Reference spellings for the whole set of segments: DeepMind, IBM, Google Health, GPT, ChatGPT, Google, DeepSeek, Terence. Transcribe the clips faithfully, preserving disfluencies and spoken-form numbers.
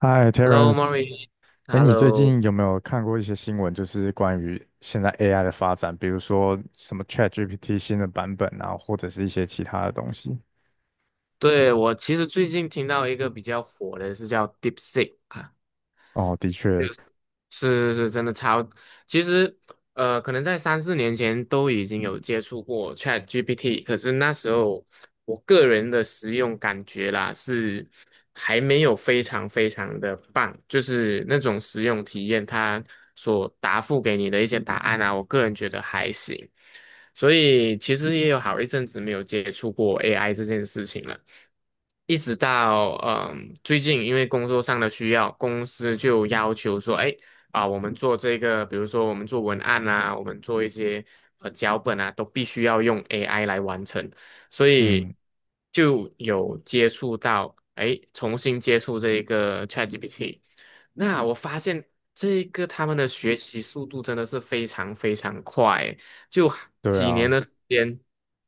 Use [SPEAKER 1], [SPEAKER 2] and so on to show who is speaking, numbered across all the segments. [SPEAKER 1] 嗨
[SPEAKER 2] Hello, m o
[SPEAKER 1] ，Terence，
[SPEAKER 2] r i.
[SPEAKER 1] 哎，你
[SPEAKER 2] Hello.
[SPEAKER 1] 最近有没有看过一些新闻，就是关于现在 A I 的发展，比如说什么 ChatGPT 新的版本啊，或者是一些其他的东西？
[SPEAKER 2] 对，我其实最近听到一个比较火的是叫 DeepSeek,啊，
[SPEAKER 1] 哦，的确，
[SPEAKER 2] 是是真的超。其实呃，可能在三四年前都已经有接触过 ChatGPT,可是那时候我个人的使用感觉啦，是还没有非常非常的棒，就是那种使用体验，它所答复给你的一些答案啊，我个人觉得还行，所以其实也有好一阵子没有接触过 A I 这件事情了。一直到嗯最近，因为工作上的需要，公司就要求说，哎。啊、我们做这个，比如说我们做文案啊，我们做一些呃脚本啊，都必须要用 A I 来完成，所以
[SPEAKER 1] 嗯，
[SPEAKER 2] 就有接触到，哎，重新接触这一个 ChatGPT。那我发现这个他们的学习速度真的是非常非常快，就
[SPEAKER 1] 对
[SPEAKER 2] 几
[SPEAKER 1] 啊，
[SPEAKER 2] 年的时间，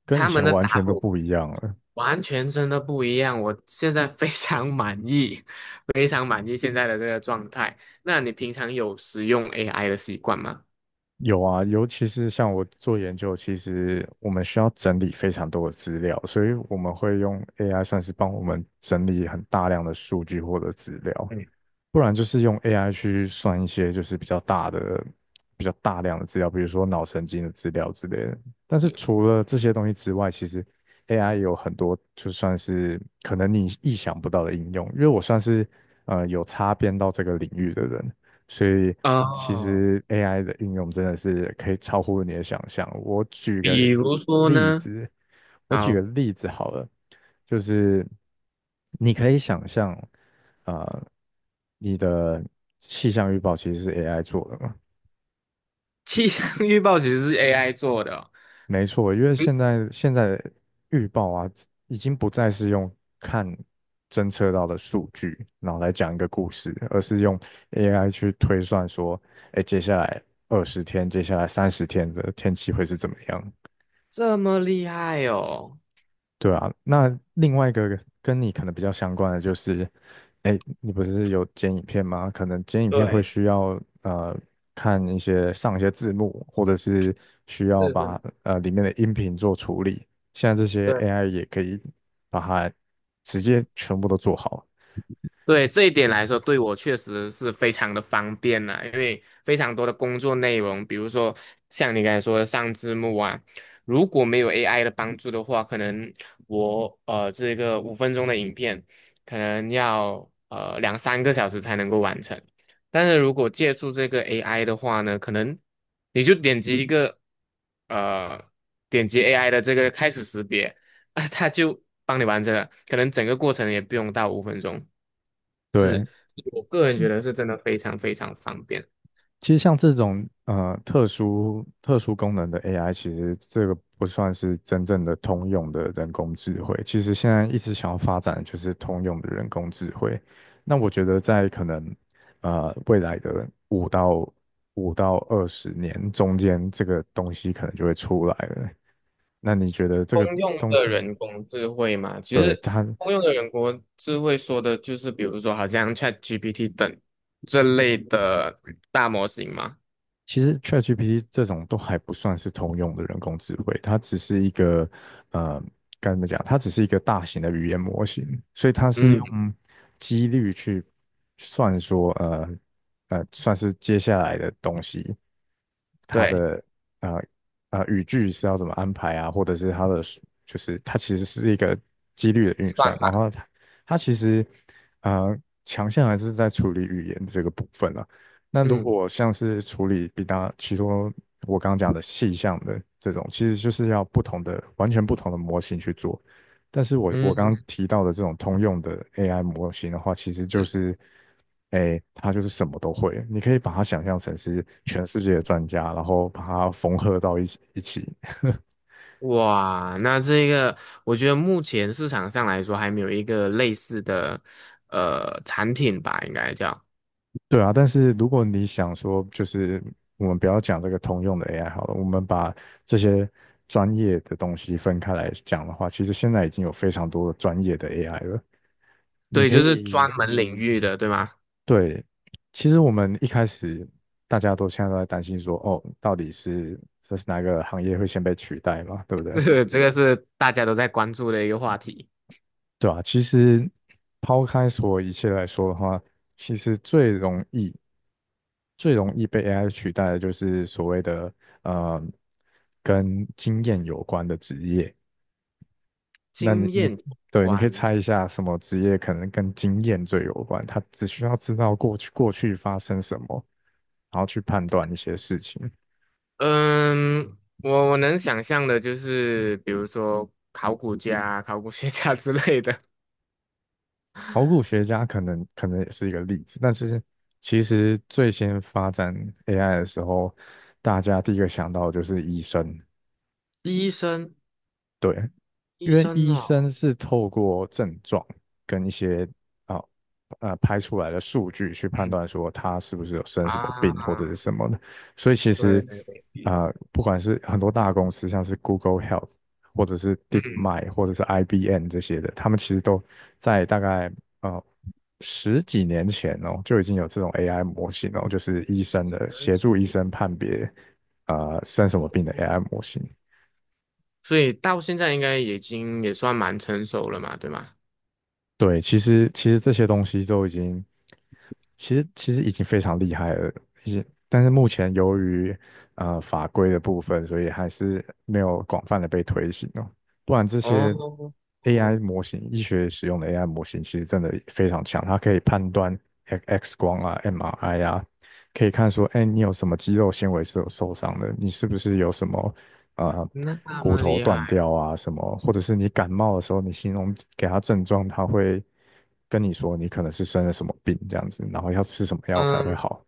[SPEAKER 1] 跟以
[SPEAKER 2] 他们
[SPEAKER 1] 前
[SPEAKER 2] 的
[SPEAKER 1] 完
[SPEAKER 2] 答
[SPEAKER 1] 全都
[SPEAKER 2] 复
[SPEAKER 1] 不一样了。
[SPEAKER 2] 完全真的不一样。我现在非常满意，非常满意现在的这个状态。那你平常有使用 A I 的习惯吗？
[SPEAKER 1] 有啊，尤其是像我做研究，其实我们需要整理非常多的资料，所以我们会用 A I 算是帮我们整理很大量的数据或者资料。
[SPEAKER 2] 嗯。
[SPEAKER 1] 不然就是用 A I 去算一些就是比较大的、比较大量的资料，比如说脑神经的资料之类的。但是除了这些东西之外，其实 A I 有很多就算是可能你意想不到的应用。因为我算是呃有擦边到这个领域的人，所以其
[SPEAKER 2] 哦。
[SPEAKER 1] 实 A I 的应用真的是可以超乎你的想象。我举
[SPEAKER 2] 比
[SPEAKER 1] 个
[SPEAKER 2] 如说
[SPEAKER 1] 例
[SPEAKER 2] 呢？
[SPEAKER 1] 子，我举
[SPEAKER 2] 好。
[SPEAKER 1] 个例子好了，就是你可以想象。呃，你的气象预报其实是 A I 做的嘛？
[SPEAKER 2] 气象预报其实是 A I 做的？
[SPEAKER 1] 没错，因为
[SPEAKER 2] 哦，嗯，
[SPEAKER 1] 现在现在的预报啊，已经不再是用看侦测到的数据，然后来讲一个故事，而是用 A I 去推算说，哎，接下来二十天，接下来三十天的天气会是怎么样？
[SPEAKER 2] 这么厉害哦。
[SPEAKER 1] 对啊，那另外一个跟你可能比较相关的就是，哎，你不是有剪影片吗？可能剪影片会
[SPEAKER 2] 对。
[SPEAKER 1] 需要呃看一些上一些字幕，或者是需要
[SPEAKER 2] 是
[SPEAKER 1] 把
[SPEAKER 2] 是。
[SPEAKER 1] 呃里面的音频做处理。现在这些
[SPEAKER 2] 对。
[SPEAKER 1] A I 也可以把它直接全部都做好。
[SPEAKER 2] 对这一点来说，对我确实是非常的方便啦，因为非常多的工作内容，比如说像你刚才说的上字幕啊，如果没有 A I 的帮助的话，可能我呃这个五分钟的影片，可能要呃两三个小时才能够完成。但是如果借助这个 A I 的话呢，可能你就点击一个呃点击 A I 的这个开始识别。啊，他就帮你完成了，可能整个过程也不用到五分钟。是，
[SPEAKER 1] 对，
[SPEAKER 2] 我个人觉得是真的非常非常方便。
[SPEAKER 1] 其实像这种呃特殊特殊功能的 A I，其实这个不算是真正的通用的人工智慧。其实现在一直想要发展的就是通用的人工智慧。那我觉得在可能呃未来的五到五到二十年中间，这个东西可能就会出来了。那你觉得这个
[SPEAKER 2] 通用
[SPEAKER 1] 东
[SPEAKER 2] 的
[SPEAKER 1] 西，
[SPEAKER 2] 人工智慧嘛，其
[SPEAKER 1] 对，
[SPEAKER 2] 实
[SPEAKER 1] 它？
[SPEAKER 2] 通用的人工智慧说的就是，比如说好像 ChatGPT 等这类的大模型嘛。
[SPEAKER 1] 其实 ChatGPT 这种都还不算是通用的人工智慧，它只是一个呃，该怎么讲？它只是一个大型的语言模型，所以它是
[SPEAKER 2] 嗯。
[SPEAKER 1] 用几率去算说，呃呃，算是接下来的东西，它
[SPEAKER 2] 对。
[SPEAKER 1] 的呃呃语句是要怎么安排啊，或者是它的就是它其实是一个几率的运
[SPEAKER 2] 算
[SPEAKER 1] 算，然
[SPEAKER 2] 法。
[SPEAKER 1] 后它它其实呃强项还是在处理语言这个部分了。那如
[SPEAKER 2] 嗯
[SPEAKER 1] 果像是处理比较，其中我刚刚讲的细项的这种，其实就是要不同的、完全不同的模型去做。但是我我
[SPEAKER 2] 嗯。
[SPEAKER 1] 刚刚
[SPEAKER 2] 嗯。
[SPEAKER 1] 提到的这种通用的 A I 模型的话，其实就
[SPEAKER 2] 是。
[SPEAKER 1] 是，哎，它就是什么都会。你可以把它想象成是全世界的专家，然后把它缝合到一起一起。
[SPEAKER 2] 哇，那这个我觉得目前市场上来说还没有一个类似的呃产品吧，应该叫。
[SPEAKER 1] 对啊，但是如果你想说，就是我们不要讲这个通用的 A I 好了，我们把这些专业的东西分开来讲的话，其实现在已经有非常多的专业的 A I 了。你
[SPEAKER 2] 对，
[SPEAKER 1] 可
[SPEAKER 2] 就是
[SPEAKER 1] 以，
[SPEAKER 2] 专门领域的，对吗？
[SPEAKER 1] 对，其实我们一开始大家都现在都在担心说，哦，到底是这是哪个行业会先被取代嘛，对不对？
[SPEAKER 2] 这个这个是大家都在关注的一个话题。
[SPEAKER 1] 对啊，其实抛开所有一切来说的话，其实最容易、最容易被 A I 取代的就是所谓的呃跟经验有关的职业。那你
[SPEAKER 2] 经
[SPEAKER 1] 你
[SPEAKER 2] 验有
[SPEAKER 1] 对，你可以
[SPEAKER 2] 关。
[SPEAKER 1] 猜一下什么职业可能跟经验最有关？他只需要知道过去过去发生什么，然后去判断一些事情。
[SPEAKER 2] 嗯，我我能想象的就是，比如说考古家、考古学家 之类的。
[SPEAKER 1] 考古学家可能可能也是一个例子，但是其实最先发展 A I 的时候，大家第一个想到的就是医生，
[SPEAKER 2] 医生。
[SPEAKER 1] 对，
[SPEAKER 2] 医
[SPEAKER 1] 因为
[SPEAKER 2] 生
[SPEAKER 1] 医
[SPEAKER 2] 哦。
[SPEAKER 1] 生是透过症状跟一些啊呃拍出来的数据去判
[SPEAKER 2] 嗯。
[SPEAKER 1] 断说他是不是有生什么
[SPEAKER 2] 啊。
[SPEAKER 1] 病或者是什么的，所以其
[SPEAKER 2] 对
[SPEAKER 1] 实
[SPEAKER 2] 对
[SPEAKER 1] 啊、
[SPEAKER 2] 对。
[SPEAKER 1] 呃不管是很多大公司，像是 Google Health 或者是
[SPEAKER 2] 嗯。
[SPEAKER 1] DeepMind 或者是 I B M 这些的，他们其实都在大概呃十几年前哦就已经有这种 A I 模型哦，就是医生
[SPEAKER 2] 真
[SPEAKER 1] 的协
[SPEAKER 2] 是。
[SPEAKER 1] 助医生判别啊生什么病的 A I 模型。
[SPEAKER 2] 所以到现在应该已经也算蛮成熟了嘛，对吗？
[SPEAKER 1] 对，其实其实这些东西都已经，其实其实已经非常厉害了，已经，但是目前由于呃法规的部分，所以还是没有广泛的被推行哦。不然这些
[SPEAKER 2] 哦。
[SPEAKER 1] A I
[SPEAKER 2] 哦。
[SPEAKER 1] 模型，医学使用的 A I 模型，其实真的非常强，它可以判断 X 光啊、M R I 啊，可以看说，哎，你有什么肌肉纤维是有受伤的，你是不是有什么呃
[SPEAKER 2] 那
[SPEAKER 1] 骨
[SPEAKER 2] 么
[SPEAKER 1] 头
[SPEAKER 2] 厉
[SPEAKER 1] 断
[SPEAKER 2] 害。
[SPEAKER 1] 掉啊什么，或者是你感冒的时候，你形容给它症状，它会跟你说你可能是生了什么病这样子，然后要吃什么药才会
[SPEAKER 2] 嗯。
[SPEAKER 1] 好。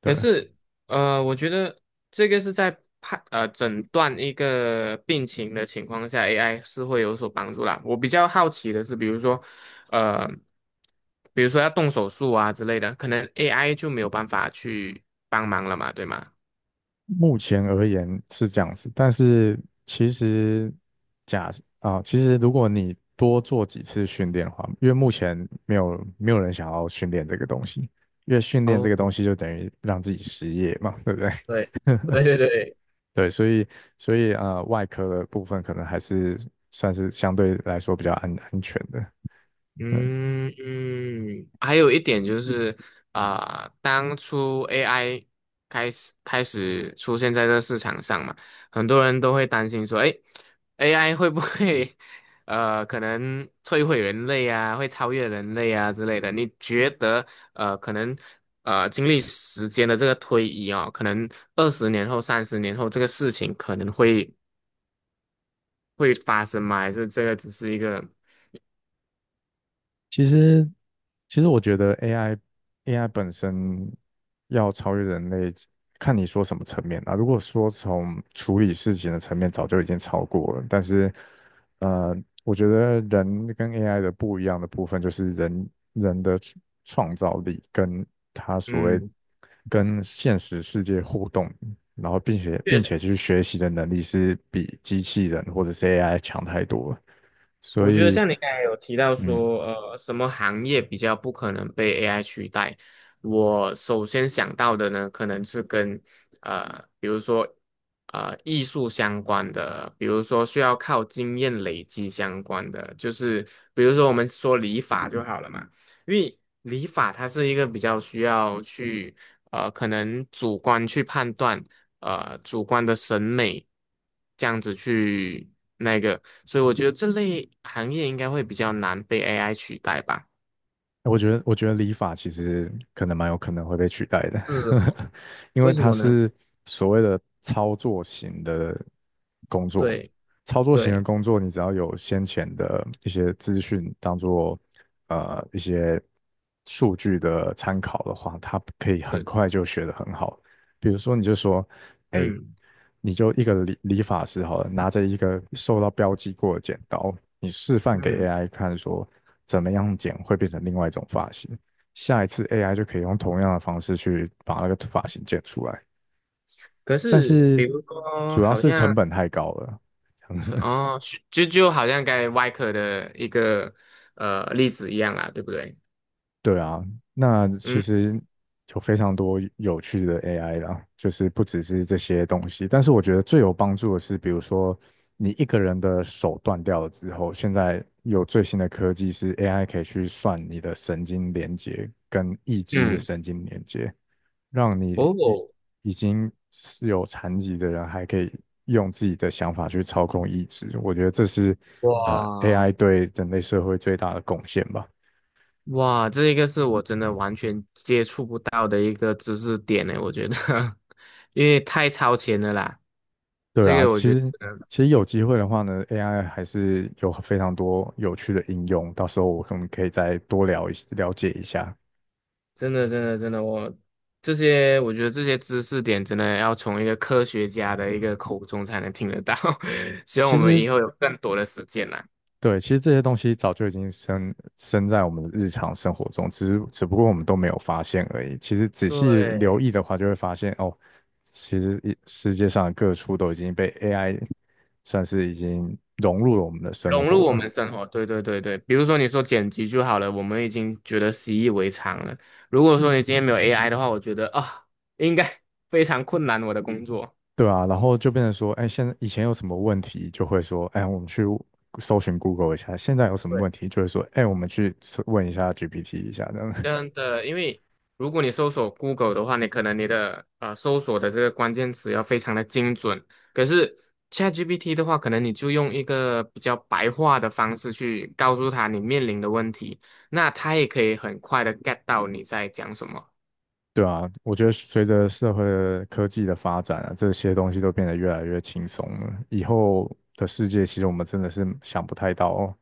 [SPEAKER 1] 对，
[SPEAKER 2] 可是，呃，我觉得这个是在判呃诊断一个病情的情况下，A I 是会有所帮助啦。我比较好奇的是，比如说，呃，比如说要动手术啊之类的，可能 A I 就没有办法去帮忙了嘛，对吗？
[SPEAKER 1] 目前而言是这样子，但是其实假啊、其实如果你多做几次训练的话，因为目前没有没有人想要训练这个东西，因为训练这个
[SPEAKER 2] 哦。
[SPEAKER 1] 东西就等于让自己失业嘛，对不对？
[SPEAKER 2] 对。对对对。
[SPEAKER 1] 对，所以所以呃，外科的部分可能还是算是相对来说比较安安全的。嗯
[SPEAKER 2] 嗯嗯。还有一点就是，啊、当初 A I 开始开始出现在这市场上嘛，很多人都会担心说，哎，A I 会不会呃可能摧毁人类啊，会超越人类啊之类的？你觉得呃可能呃经历时间的这个推移哦，可能二十年后、三十年后这个事情可能会会发生吗？还是这个只是一个，
[SPEAKER 1] 其实，其实我觉得 A I A I 本身要超越人类，看你说什么层面啊。如果说从处理事情的层面，早就已经超过了。但是，呃，我觉得人跟 A I 的不一样的部分，就是人人的创创造力跟他所谓
[SPEAKER 2] 嗯？
[SPEAKER 1] 跟现实世界互动，然后并且并且去学习的能力，是比机器人或者是 A I 强太多了。所
[SPEAKER 2] 我觉得
[SPEAKER 1] 以。
[SPEAKER 2] 像你刚才有提到
[SPEAKER 1] 嗯。
[SPEAKER 2] 说，呃，什么行业比较不可能被 A I 取代？我首先想到的呢，可能是跟呃，比如说呃艺术相关的，比如说需要靠经验累积相关的，就是比如说我们说理发就好了嘛。因为理发它是一个比较需要去呃，可能主观去判断。呃主观的审美这样子去那个，所以我觉得这类行业应该会比较难被 A I 取代吧。
[SPEAKER 1] 我觉得，我觉得理法其实可能蛮有可能会被取代的，
[SPEAKER 2] 是哦，
[SPEAKER 1] 因
[SPEAKER 2] 为
[SPEAKER 1] 为
[SPEAKER 2] 什
[SPEAKER 1] 它
[SPEAKER 2] 么呢？
[SPEAKER 1] 是所谓的操作型的工作。
[SPEAKER 2] 对
[SPEAKER 1] 操作型的
[SPEAKER 2] 对。
[SPEAKER 1] 工作，你只要有先前的一些资讯当做呃一些数据的参考的话，它可以很
[SPEAKER 2] 对。
[SPEAKER 1] 快就学得很好。比如说，你就说哎，
[SPEAKER 2] 嗯
[SPEAKER 1] 你就一个理理发师好了，拿着一个受到标记过的剪刀，你示范给
[SPEAKER 2] 嗯。
[SPEAKER 1] A I 看，说怎么样剪会变成另外一种发型。下一次 A I 就可以用同样的方式去把那个发型剪出来，
[SPEAKER 2] 可
[SPEAKER 1] 但
[SPEAKER 2] 是比
[SPEAKER 1] 是
[SPEAKER 2] 如说，
[SPEAKER 1] 主要
[SPEAKER 2] 好
[SPEAKER 1] 是成
[SPEAKER 2] 像，
[SPEAKER 1] 本太高了，
[SPEAKER 2] 哦，就就好像刚才外科的一个呃例子一样啦，对不对？
[SPEAKER 1] 对啊，那其
[SPEAKER 2] 嗯
[SPEAKER 1] 实有非常多有趣的 A I 啦，就是不只是这些东西，但是我觉得最有帮助的是，比如说你一个人的手断掉了之后，现在有最新的科技是 A I 可以去算你的神经连接跟意志的
[SPEAKER 2] 嗯。
[SPEAKER 1] 神经连接，让你已
[SPEAKER 2] 哦。
[SPEAKER 1] 已经是有残疾的人还可以用自己的想法去操控意志，我觉得这是呃
[SPEAKER 2] 哇。
[SPEAKER 1] A I 对人类社会最大的贡献吧。
[SPEAKER 2] 哇，这一个是我真的完全接触不到的一个知识点呢，我觉得，因为太超前了啦。
[SPEAKER 1] 对
[SPEAKER 2] 这
[SPEAKER 1] 啊，
[SPEAKER 2] 个我
[SPEAKER 1] 其
[SPEAKER 2] 觉
[SPEAKER 1] 实
[SPEAKER 2] 得。
[SPEAKER 1] 其实有机会的话呢，A I 还是有非常多有趣的应用，到时候我们可以再多聊一了解一下。
[SPEAKER 2] 真的真的真的，我，这些，我觉得这些知识点真的要从一个科学家的一个口中才能听得到，希望
[SPEAKER 1] 其
[SPEAKER 2] 我们
[SPEAKER 1] 实
[SPEAKER 2] 以后有更多的时间啦。
[SPEAKER 1] 对，其实这些东西早就已经深深在我们的日常生活中，只是只不过我们都没有发现而已。其实仔细留
[SPEAKER 2] 对。
[SPEAKER 1] 意的话，就会发现哦，其实一世界上的各处都已经被 A I 算是已经融入了我们的生
[SPEAKER 2] 融入
[SPEAKER 1] 活
[SPEAKER 2] 我
[SPEAKER 1] 了。
[SPEAKER 2] 们的生活，对对对对，比如说你说剪辑就好了，我们已经觉得习以为常了。如果说你今天没有 A I 的话，我觉得啊、应该 非常困难我的工作。
[SPEAKER 1] 对啊，然后就变成说，哎，现在以前有什么问题，就会说，哎，我们去搜寻 Google 一下；现在有什么
[SPEAKER 2] 对。
[SPEAKER 1] 问题，就会说，哎，我们去搜问一下 G P T 一下，这样。
[SPEAKER 2] 真的，因为如果你搜索 Google 的话，你可能你的呃搜索的这个关键词要非常的精准，可是 ChatGPT 的话，可能你就用一个比较白话的方式去告诉他你面临的问题，那他也可以很快的 get 到你在讲什么。
[SPEAKER 1] 对啊，我觉得随着社会的科技的发展啊，这些东西都变得越来越轻松了。以后的世界，其实我们真的是想不太到哦，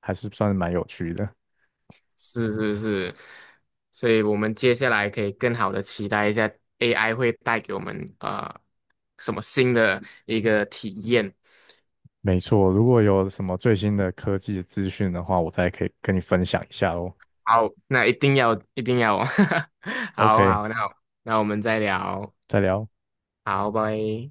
[SPEAKER 1] 还是算是蛮有趣的。
[SPEAKER 2] 是是是，所以我们接下来可以更好的期待一下 A I 会带给我们呃什么新的一个体验。
[SPEAKER 1] 没错，如果有什么最新的科技资讯的话，我再可以跟你分享一下哦。
[SPEAKER 2] 好，那一定要一定要哦，好
[SPEAKER 1] OK，
[SPEAKER 2] 好，那好，那我们再聊，
[SPEAKER 1] 再聊。
[SPEAKER 2] 好，拜。